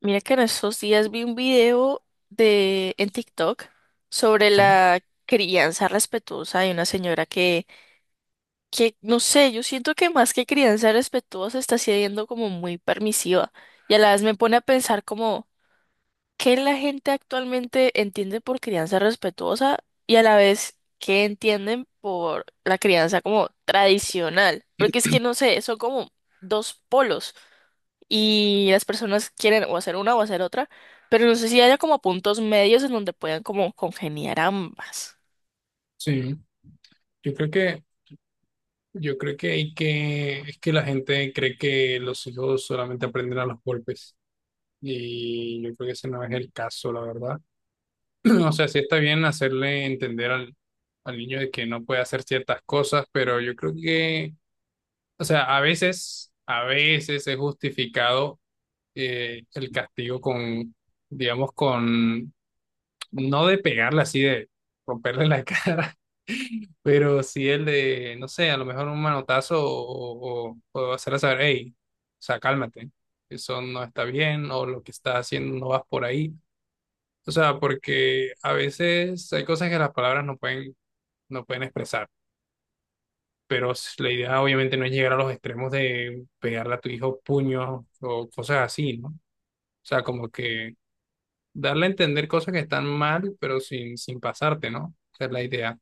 Mira que en estos días vi un video de en TikTok sobre Sí, la crianza respetuosa de una señora que no sé, yo siento que más que crianza respetuosa está siendo como muy permisiva y a la vez me pone a pensar como qué la gente actualmente entiende por crianza respetuosa y a la vez qué entienden por la crianza como tradicional, porque es que no sé, son como dos polos y las personas quieren o hacer una o hacer otra, pero no sé si haya como puntos medios en donde puedan como congeniar ambas. sí. Yo creo que, yo creo que hay que, es que la gente cree que los hijos solamente aprenden a los golpes. Y yo creo que ese no es el caso, la verdad. O sea, sí está bien hacerle entender al niño de que no puede hacer ciertas cosas, pero yo creo que, o sea, a veces es justificado el castigo con, digamos, con, no de pegarle así, de romperle la cara. Pero si el de, no sé, a lo mejor un manotazo o hacerle saber, hey, o sea, cálmate, eso no está bien o lo que estás haciendo no vas por ahí. O sea, porque a veces hay cosas que las palabras no pueden, no pueden expresar, pero la idea obviamente no es llegar a los extremos de pegarle a tu hijo puños o cosas así, ¿no? O sea, como que darle a entender cosas que están mal, pero sin pasarte, ¿no? Esa es la idea.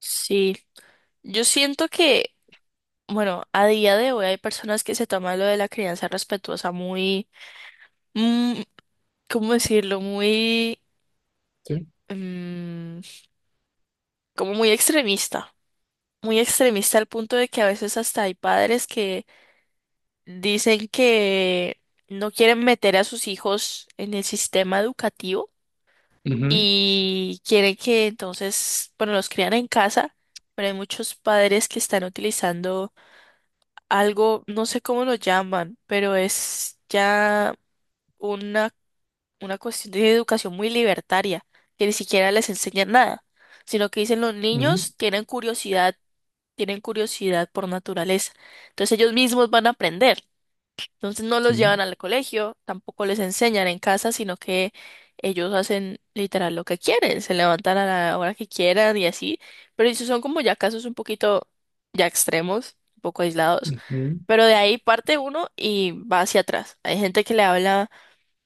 Sí, yo siento que, bueno, a día de hoy hay personas que se toman lo de la crianza respetuosa mm, ¿cómo decirlo? Sí. mm, Como muy extremista. Muy extremista al punto de que a veces hasta hay padres que dicen que no quieren meter a sus hijos en el sistema educativo Ujú, y quiere que entonces, bueno, los crían en casa, pero hay muchos padres que están utilizando algo, no sé cómo lo llaman, pero es ya una, una cuestión de educación muy libertaria, que ni siquiera les enseñan nada, sino que dicen los ujú, niños tienen curiosidad por naturaleza, entonces ellos mismos van a aprender. Entonces no los sí. llevan al colegio, tampoco les enseñan en casa, sino que ellos hacen literal lo que quieren, se levantan a la hora que quieran y así, pero esos son como ya casos un poquito ya extremos, un poco aislados, Ujú, pero de ahí parte uno y va hacia atrás. Hay gente que le habla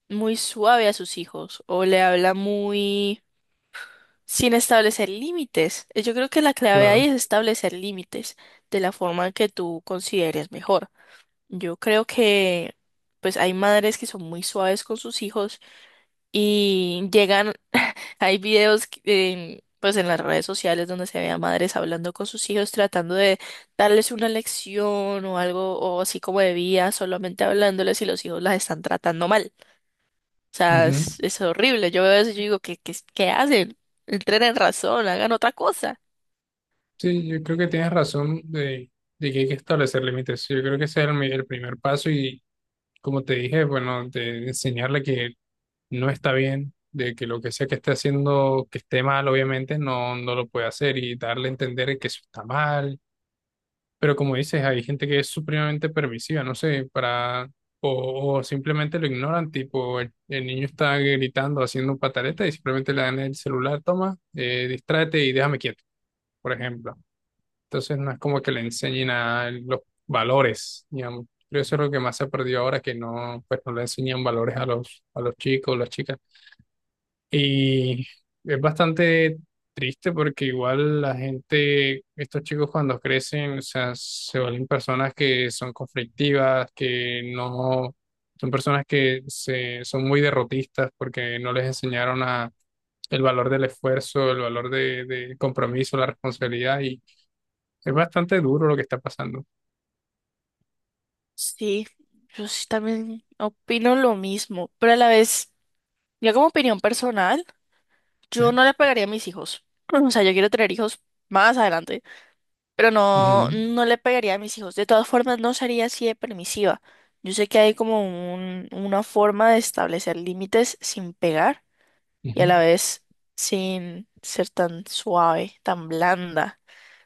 muy suave a sus hijos o le habla muy sin establecer límites. Yo creo que la clave ahí claro. es establecer límites de la forma que tú consideres mejor. Yo creo que pues hay madres que son muy suaves con sus hijos y llegan, hay videos que- en, pues en las redes sociales donde se ve a madres hablando con sus hijos tratando de darles una lección o algo o así como de vida, solamente hablándoles y los hijos las están tratando mal. O sea, Ujú. es, es horrible. Yo veo eso y yo digo, qué hacen? Entren en razón, hagan otra cosa. Sí, yo creo que tienes razón de que hay que establecer límites. Yo creo que ese es el primer paso y como te dije, bueno, de enseñarle que no está bien, de que lo que sea que esté haciendo, que esté mal, obviamente, no lo puede hacer y darle a entender que eso está mal. Pero como dices, hay gente que es supremamente permisiva, no sé, para, o simplemente lo ignoran, tipo, el niño está gritando, haciendo pataleta y simplemente le dan el celular, toma, distráete y déjame quieto, por ejemplo. Entonces no es como que le enseñen a él los valores, digamos. Creo que eso es lo que más se perdió ahora, que no, pues no le enseñan valores a a los chicos, las chicas. Y es bastante triste porque igual la gente, estos chicos cuando crecen, o sea, se vuelven personas que son conflictivas, que no, son personas son muy derrotistas porque no les enseñaron a, el valor del esfuerzo, el valor del compromiso, la responsabilidad. Y es bastante duro lo que está pasando. Sí, yo sí también opino lo mismo, pero a la vez, ya como opinión personal. Sí. Yo no le pegaría a mis hijos. O sea, yo quiero tener hijos más adelante, pero no, Ujú, no le pegaría a mis hijos. De todas formas, no sería así de permisiva. Yo sé que hay como una forma de establecer límites sin pegar y a ujú, la vez sin ser tan suave, tan blanda.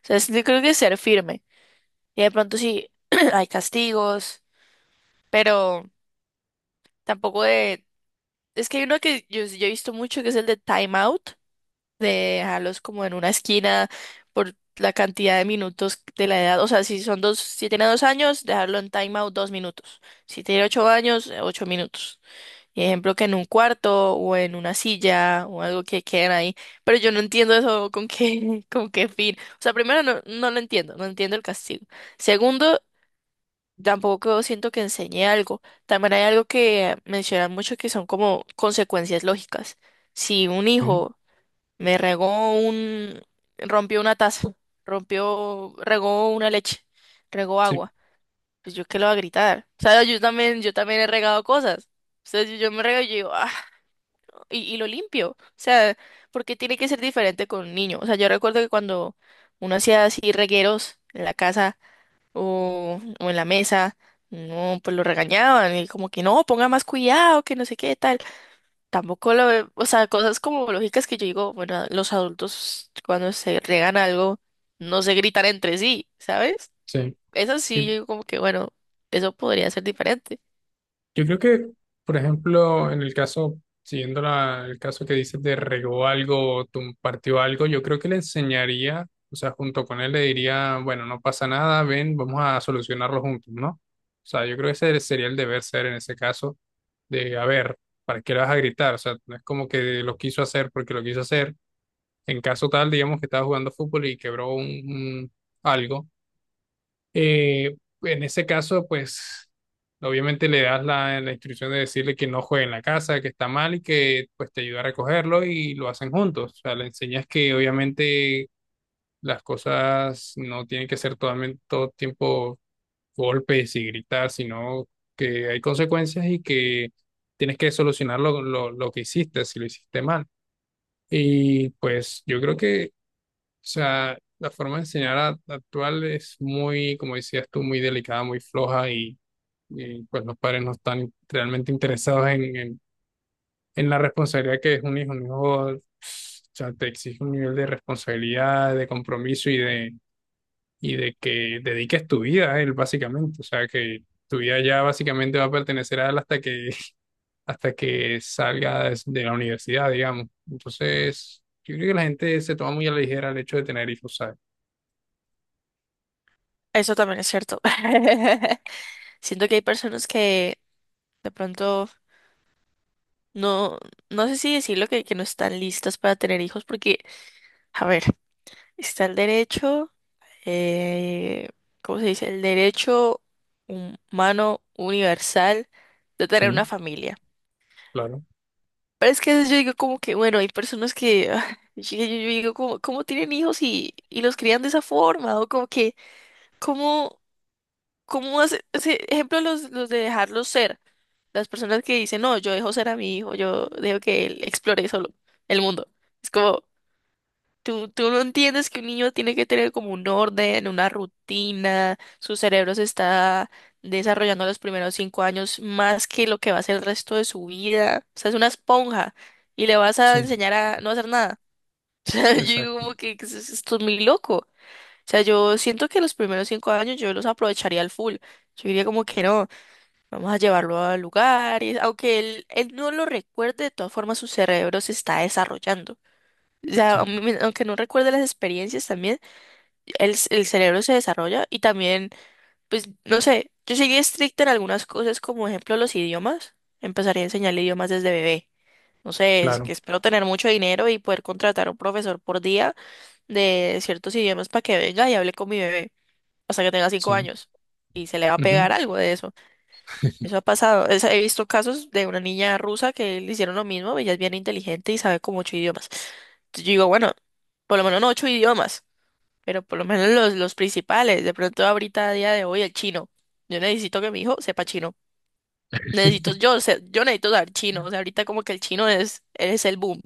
O sea, yo creo que ser firme. Y de pronto sí hay castigos, pero tampoco de... Es que hay uno que yo he visto mucho que es el de time out de dejarlos como en una esquina por la cantidad de minutos de la edad. O sea, si son dos, si tiene 2 años, dejarlo en timeout 2 minutos. Si tiene 8 años, 8 minutos. Y ejemplo que en un cuarto o en una silla o algo que queden ahí. Pero yo no entiendo eso con qué, con qué fin. O sea, primero no lo entiendo, no entiendo el castigo. Segundo, tampoco siento que enseñe algo. También hay algo que mencionan mucho que son como consecuencias lógicas. Si un sí, hijo me regó un, rompió una taza, rompió, regó una leche, regó sí, agua. Pues yo qué lo voy a gritar. O sea, yo también he regado cosas. Entonces yo me rego y yo digo, ah, y lo limpio. O sea, porque tiene que ser diferente con un niño. O sea, yo recuerdo que cuando uno hacía así regueros en la casa o en la mesa, no, pues lo regañaban y como que no, ponga más cuidado, que no sé qué tal. Tampoco lo ve- O sea, cosas como lógicas que yo digo, bueno, los adultos cuando se regan algo no se gritan entre sí, ¿sabes? sí. Eso Yo, sí, yo digo como que, bueno, eso podría ser diferente. yo creo que, por ejemplo, en el caso, siguiendo el caso que dices de regó algo, partió algo, yo creo que le enseñaría, o sea, junto con él le diría, bueno, no pasa nada, ven, vamos a solucionarlo juntos, ¿no? O sea, yo creo que ese sería el deber ser en ese caso, de, a ver, ¿para qué le vas a gritar? O sea, no es como que lo quiso hacer porque lo quiso hacer. En caso tal, digamos que estaba jugando fútbol y quebró un algo, eh, en ese caso, pues obviamente le das la instrucción de decirle que no juegue en la casa, que está mal y que pues te ayuda a recogerlo y lo hacen juntos. O sea, le enseñas que obviamente las cosas no tienen que ser totalmente todo tiempo golpes y gritar, sino que hay consecuencias y que tienes que solucionar lo que hiciste, si lo hiciste mal. Y pues yo creo que o sea, la forma de enseñar actual es muy, como decías tú, muy delicada, muy floja y, pues los padres no están realmente interesados en la responsabilidad que es un hijo. Un hijo, o sea, te exige un nivel de responsabilidad, de compromiso y de que dediques tu vida a él, básicamente. O sea, que tu vida ya básicamente va a pertenecer a él hasta que, hasta que salga de la universidad, digamos. Entonces, yo creo que la gente se toma muy a la ligera el hecho de tener hijos, ¿sabes? Eso también es cierto. Siento que hay personas que de pronto no, no sé si decirlo que no están listas para tener hijos porque, a ver, está el derecho, eh, ¿cómo se dice? El derecho humano universal de tener una Sí. familia. Claro. Pero es que a veces yo digo como que, bueno, hay personas que, ah, yo digo como, ¿cómo tienen hijos y los crían de esa forma? O como que, ¿cómo, cómo hace, ese ejemplo los de dejarlos ser? Las personas que dicen, no, yo dejo ser a mi hijo, yo dejo que él explore solo el mundo. Es como, tú no entiendes que un niño tiene que tener como un orden, una rutina, su cerebro se está desarrollando los primeros 5 años más que lo que va a ser el resto de su vida. O sea, es una esponja y le vas a Sí, enseñar a no hacer nada. O sea, yo digo exacto, como que esto es muy loco. O sea, yo siento que los primeros cinco años yo los aprovecharía al full. Yo diría como que no, vamos a llevarlo a lugares, aunque él no lo recuerde, de todas formas su cerebro se está desarrollando. O sí, sea, aunque no recuerde las experiencias también, el cerebro se desarrolla y también, pues, no sé, yo seguí estricta en algunas cosas, como ejemplo los idiomas. Empezaría a enseñarle idiomas desde bebé. No sé, es claro, que espero tener mucho dinero y poder contratar a un profesor por día de ciertos idiomas para que venga y hable con mi bebé hasta que tenga cinco sí. años. Y se le va a Ujú. pegar algo de eso. Eso ha pasado. He visto casos de una niña rusa que le hicieron lo mismo. Ella es bien inteligente y sabe como 8 idiomas. Entonces yo digo, bueno, por lo menos no 8 idiomas, pero por lo menos los principales. De pronto ahorita, a día de hoy, el chino. Yo necesito que mi hijo sepa chino. Necesito, yo necesito saber chino. O sea, ahorita como que el chino es el boom.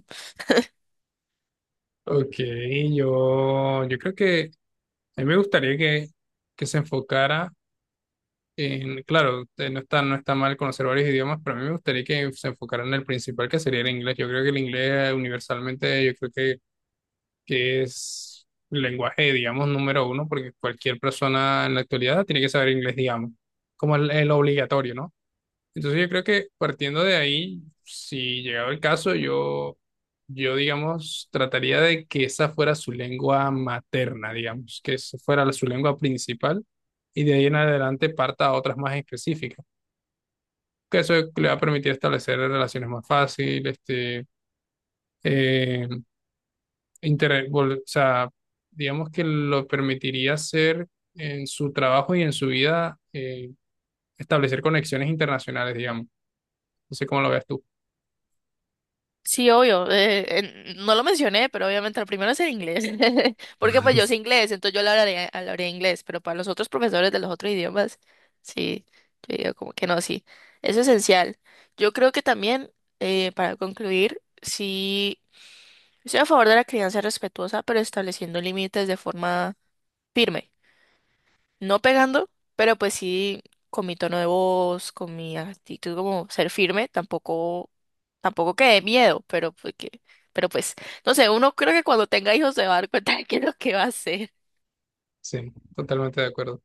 Ok, yo creo que a mí me gustaría que se enfocara en, claro, no está mal conocer varios idiomas, pero a mí me gustaría que se enfocara en el principal, que sería el inglés. Yo creo que el inglés universalmente, que es el lenguaje, digamos, número uno, porque cualquier persona en la actualidad tiene que saber inglés, digamos, como el obligatorio, ¿no? Entonces yo creo que partiendo de ahí, si llegado el caso, yo digamos, trataría de que esa fuera su lengua materna, digamos, que esa fuera su lengua principal y de ahí en adelante parta a otras más específicas, que eso le va a permitir establecer relaciones más fáciles, este, eh, o sea, digamos que lo permitiría hacer en su trabajo y en su vida, establecer conexiones internacionales, digamos. No sé cómo lo ves tú. Sí, obvio. No lo mencioné, pero obviamente lo primero es el inglés. Porque pues yo sé inglés, entonces hablaré inglés, pero para los otros profesores de los otros idiomas, sí, yo digo como que no, sí. Eso es esencial. Yo creo que también, para concluir, sí, estoy a favor de la crianza respetuosa, pero estableciendo límites de forma firme no pegando, pero pues sí con mi tono de voz, con mi actitud como ser firme, tampoco que de miedo, pero pero pues, no sé, uno creo que cuando tenga hijos se va a dar cuenta de qué es lo que va a hacer. Sí, totalmente de acuerdo.